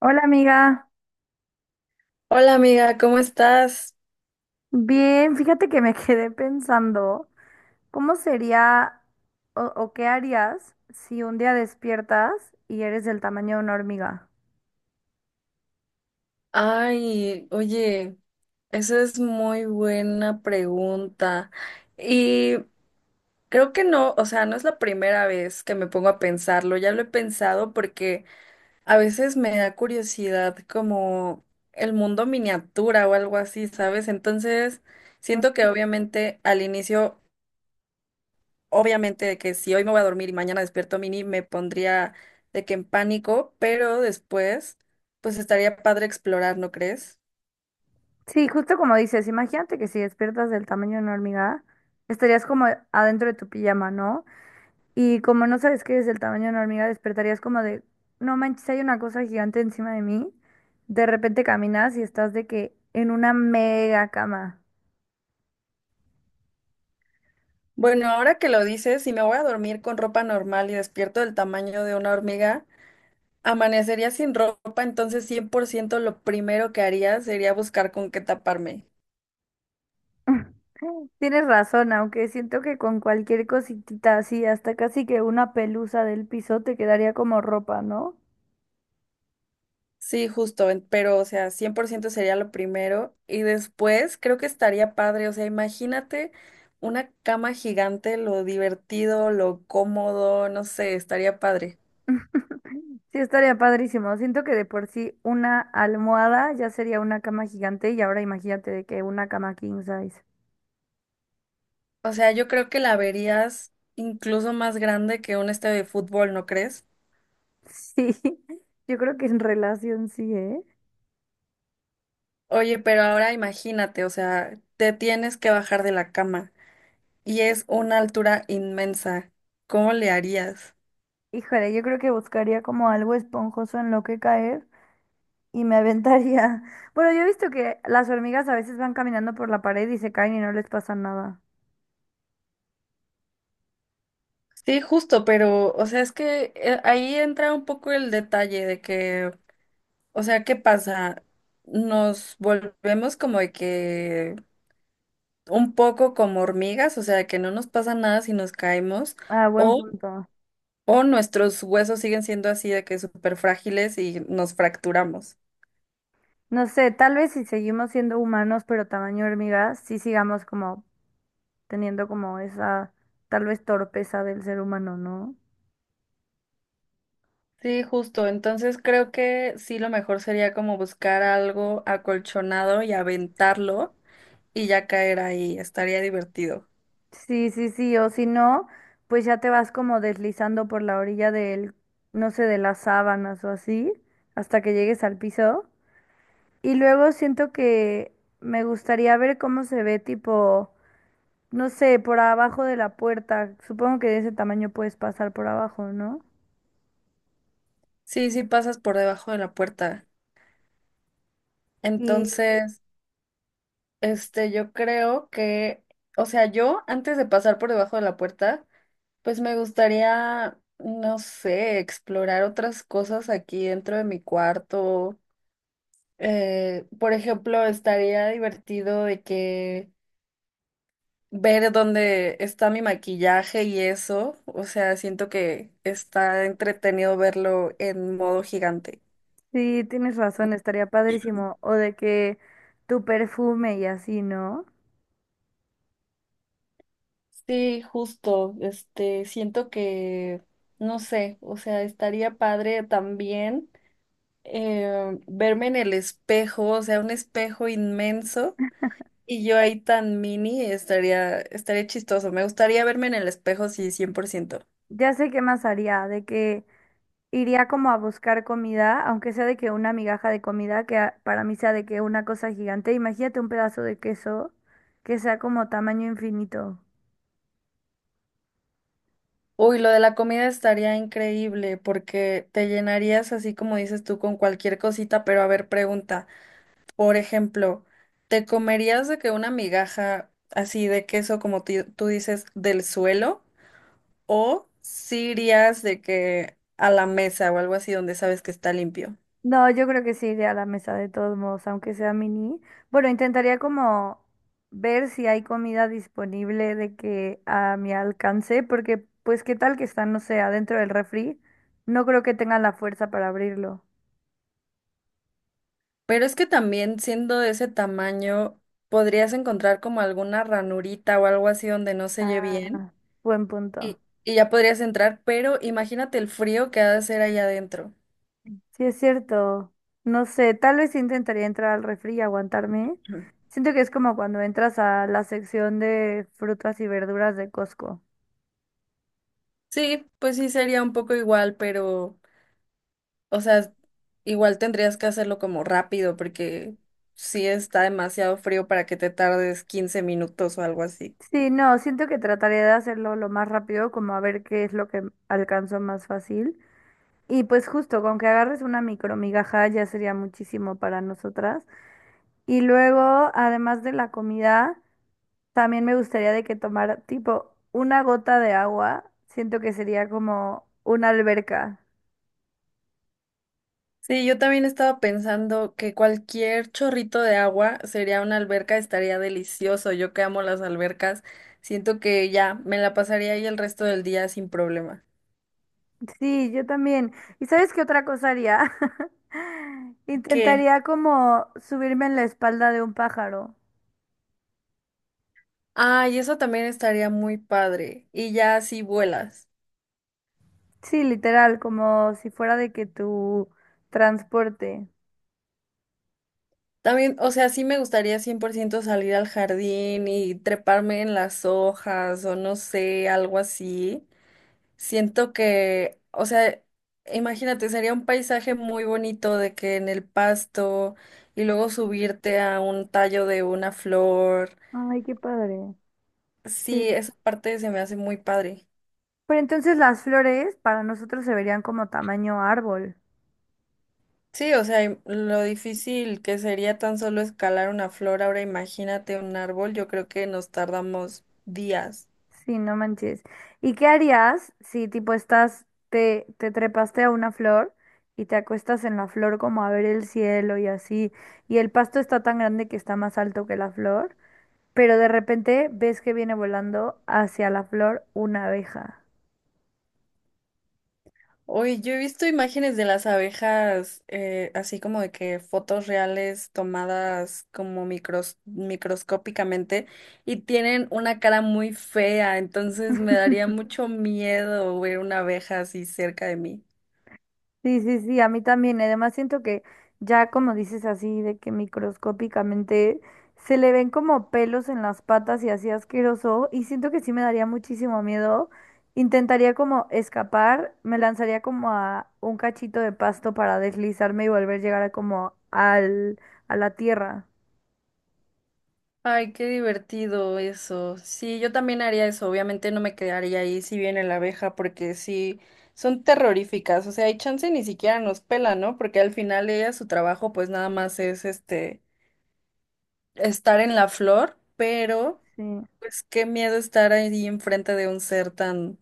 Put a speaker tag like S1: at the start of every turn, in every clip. S1: Hola amiga,
S2: Hola amiga, ¿cómo estás?
S1: bien, fíjate que me quedé pensando, ¿cómo sería o qué harías si un día despiertas y eres del tamaño de una hormiga?
S2: Ay, oye, esa es muy buena pregunta. Y creo que no, o sea, no es la primera vez que me pongo a pensarlo, ya lo he pensado porque a veces me da curiosidad como el mundo miniatura o algo así, ¿sabes? Entonces,
S1: Mm.
S2: siento que obviamente al inicio obviamente de que si hoy me voy a dormir y mañana despierto mini, me pondría de que en pánico, pero después, pues estaría padre explorar, ¿no crees?
S1: Sí, justo como dices, imagínate que si despiertas del tamaño de una hormiga, estarías como adentro de tu pijama, ¿no? Y como no sabes que eres del tamaño de una hormiga, despertarías como de, no manches, hay una cosa gigante encima de mí. De repente caminas y estás de que en una mega cama.
S2: Bueno, ahora que lo dices, si me voy a dormir con ropa normal y despierto del tamaño de una hormiga, amanecería sin ropa, entonces 100% lo primero que haría sería buscar con qué taparme.
S1: Tienes razón, aunque siento que con cualquier cositita así, hasta casi que una pelusa del piso te quedaría como ropa, ¿no?
S2: Sí, justo, pero o sea, 100% sería lo primero y después creo que estaría padre, o sea, imagínate una cama gigante, lo divertido, lo cómodo, no sé, estaría padre.
S1: Sí, estaría padrísimo. Siento que de por sí una almohada ya sería una cama gigante y ahora imagínate de que una cama king size.
S2: O sea, yo creo que la verías incluso más grande que un estadio de fútbol, ¿no crees?
S1: Sí, yo creo que en relación sí, ¿eh?
S2: Oye, pero ahora imagínate, o sea, te tienes que bajar de la cama y es una altura inmensa. ¿Cómo le harías?
S1: Híjole, yo creo que buscaría como algo esponjoso en lo que caer y me aventaría. Bueno, yo he visto que las hormigas a veces van caminando por la pared y se caen y no les pasa nada.
S2: Sí, justo, pero, o sea, es que ahí entra un poco el detalle de que, o sea, ¿qué pasa? Nos volvemos como de que un poco como hormigas, o sea, que no nos pasa nada si nos caemos,
S1: Ah, buen
S2: o,
S1: punto.
S2: o nuestros huesos siguen siendo así de que súper frágiles y nos fracturamos.
S1: No sé, tal vez si seguimos siendo humanos pero tamaño hormiga, sí sigamos como teniendo como esa tal vez torpeza del ser humano, ¿no?
S2: Sí, justo. Entonces creo que sí lo mejor sería como buscar algo acolchonado y aventarlo y ya caer ahí. Estaría divertido.
S1: Sí, sí, sí, o si no, pues ya te vas como deslizando por la orilla del, no sé, de las sábanas o así, hasta que llegues al piso. Y luego siento que me gustaría ver cómo se ve tipo, no sé, por abajo de la puerta. Supongo que de ese tamaño puedes pasar por abajo, ¿no?
S2: Sí, sí pasas por debajo de la puerta.
S1: Y
S2: Entonces, este, yo creo que, o sea, yo antes de pasar por debajo de la puerta, pues me gustaría, no sé, explorar otras cosas aquí dentro de mi cuarto. Por ejemplo, estaría divertido de que ver dónde está mi maquillaje y eso. O sea, siento que está entretenido verlo en modo gigante.
S1: sí, tienes razón, estaría padrísimo. O de que tu perfume y así, ¿no?
S2: Sí, justo, este, siento que, no sé, o sea, estaría padre también verme en el espejo, o sea, un espejo inmenso y yo ahí tan mini, estaría, estaría chistoso, me gustaría verme en el espejo, sí, 100%.
S1: Ya sé qué más haría, de que iría como a buscar comida, aunque sea de que una migaja de comida, que a- para mí sea de que una cosa gigante. Imagínate un pedazo de queso que sea como tamaño infinito.
S2: Uy, lo de la comida estaría increíble porque te llenarías así como dices tú con cualquier cosita, pero a ver, pregunta. Por ejemplo, ¿te comerías de que una migaja así de queso, como tú dices, del suelo? ¿O si irías de que a la mesa o algo así donde sabes que está limpio?
S1: No, yo creo que sí iré a la mesa de todos modos, aunque sea mini. Bueno, intentaría como ver si hay comida disponible de que a mi alcance, porque pues qué tal que está, no sé, adentro del refri. No creo que tengan la fuerza para abrirlo.
S2: Pero es que también siendo de ese tamaño, podrías encontrar como alguna ranurita o algo así donde no se oye bien
S1: Ah, buen punto.
S2: y, y ya podrías entrar, pero imagínate el frío que ha de hacer allá adentro.
S1: Sí, es cierto. No sé, tal vez intentaría entrar al refri y aguantarme.
S2: Ujú.
S1: Siento que es como cuando entras a la sección de frutas y verduras de Costco.
S2: Sí, pues sí sería un poco igual, pero... O sea, igual tendrías que hacerlo como rápido porque sí está demasiado frío para que te tardes 15 minutos o algo así.
S1: Sí, no, siento que trataré de hacerlo lo más rápido, como a ver qué es lo que alcanzo más fácil. Y pues justo, con que agarres una micromigaja ya sería muchísimo para nosotras. Y luego, además de la comida, también me gustaría de que tomara tipo una gota de agua. Siento que sería como una alberca.
S2: Sí, yo también estaba pensando que cualquier chorrito de agua sería una alberca, estaría delicioso. Yo que amo las albercas, siento que ya me la pasaría ahí el resto del día sin problema.
S1: Sí, yo también. ¿Y sabes qué otra cosa haría?
S2: ¿Qué?
S1: Intentaría como subirme en la espalda de un pájaro.
S2: Ah, y eso también estaría muy padre. Y ya así vuelas.
S1: Sí, literal, como si fuera de que tu transporte.
S2: También, o sea, sí me gustaría 100% salir al jardín y treparme en las hojas o no sé, algo así. Siento que, o sea, imagínate, sería un paisaje muy bonito de que en el pasto y luego subirte a un tallo de una flor.
S1: Ay, qué padre.
S2: Sí,
S1: Sí.
S2: esa parte se me hace muy padre.
S1: Pero entonces las flores para nosotros se verían como tamaño árbol.
S2: Sí, o sea, lo difícil que sería tan solo escalar una flor, ahora imagínate un árbol, yo creo que nos tardamos días.
S1: Sí, no manches. ¿Y qué harías si tipo estás, te trepaste a una flor y te acuestas en la flor como a ver el cielo y así, y el pasto está tan grande que está más alto que la flor, pero de repente ves que viene volando hacia la flor una abeja?
S2: Hoy yo he visto imágenes de las abejas, así como de que fotos reales tomadas como microscópicamente y tienen una cara muy fea, entonces me daría mucho miedo ver una abeja así cerca de mí.
S1: Sí, sí, sí, a mí también. Además, siento que ya como dices así, de que microscópicamente se le ven como pelos en las patas y así asqueroso, y siento que sí me daría muchísimo miedo. Intentaría como escapar, me lanzaría como a un cachito de pasto para deslizarme y volver a llegar a como al, a la tierra.
S2: Ay, qué divertido eso. Sí, yo también haría eso. Obviamente no me quedaría ahí si viene la abeja, porque sí, son terroríficas. O sea, hay chance ni siquiera nos pelan, ¿no? Porque al final ella, su trabajo, pues nada más es este, estar en la flor, pero
S1: Sí.
S2: pues qué miedo estar ahí enfrente de un ser tan,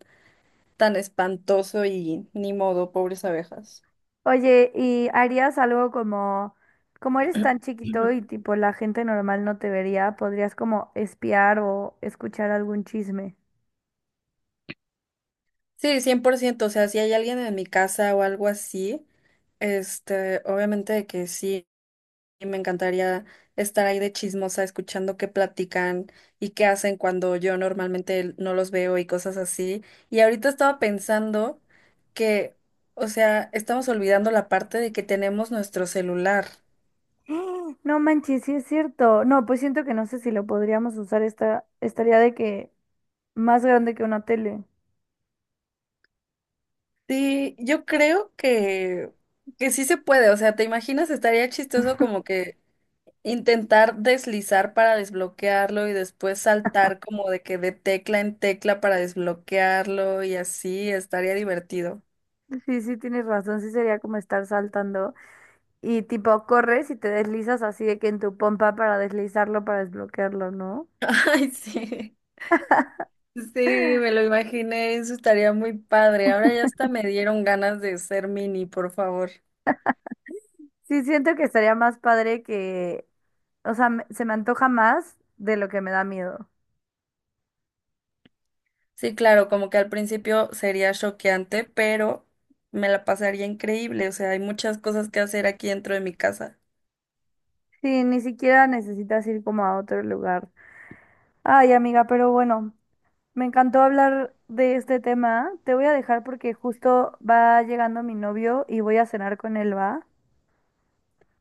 S2: tan espantoso y ni modo, pobres abejas.
S1: Oye, ¿y harías algo como, como eres tan chiquito y tipo la gente normal no te vería, podrías como espiar o escuchar algún chisme?
S2: Sí, 100%. O sea, si hay alguien en mi casa o algo así, este, obviamente que sí. Y me encantaría estar ahí de chismosa escuchando qué platican y qué hacen cuando yo normalmente no los veo y cosas así. Y ahorita estaba pensando que, o sea, estamos olvidando la parte de que tenemos nuestro celular.
S1: ¡Ah! No manches, sí es cierto. No, pues siento que no sé si lo podríamos usar esta, estaría de que más grande que una tele.
S2: Sí, yo creo que sí se puede, o sea, ¿te imaginas? Estaría chistoso como que intentar deslizar para desbloquearlo y después saltar como de que de tecla en tecla para desbloquearlo y así, estaría divertido.
S1: Sí, sí, tienes razón, sí sería como estar saltando y tipo corres y te deslizas así de que en tu pompa para deslizarlo, para desbloquearlo, ¿no?
S2: Ay, sí. Sí, me lo imaginé, eso estaría muy padre. Ahora ya hasta me dieron ganas de ser mini, por favor.
S1: Sí, siento que estaría más padre que, o sea, me- se me antoja más de lo que me da miedo.
S2: Sí, claro, como que al principio sería choqueante, pero me la pasaría increíble. O sea, hay muchas cosas que hacer aquí dentro de mi casa.
S1: Sí, ni siquiera necesitas ir como a otro lugar. Ay, amiga, pero bueno, me encantó hablar de este tema. Te voy a dejar porque justo va llegando mi novio y voy a cenar con él, ¿va?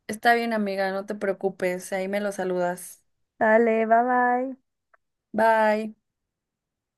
S2: Está bien, amiga, no te preocupes, ahí me lo saludas.
S1: Dale, bye bye.
S2: Bye.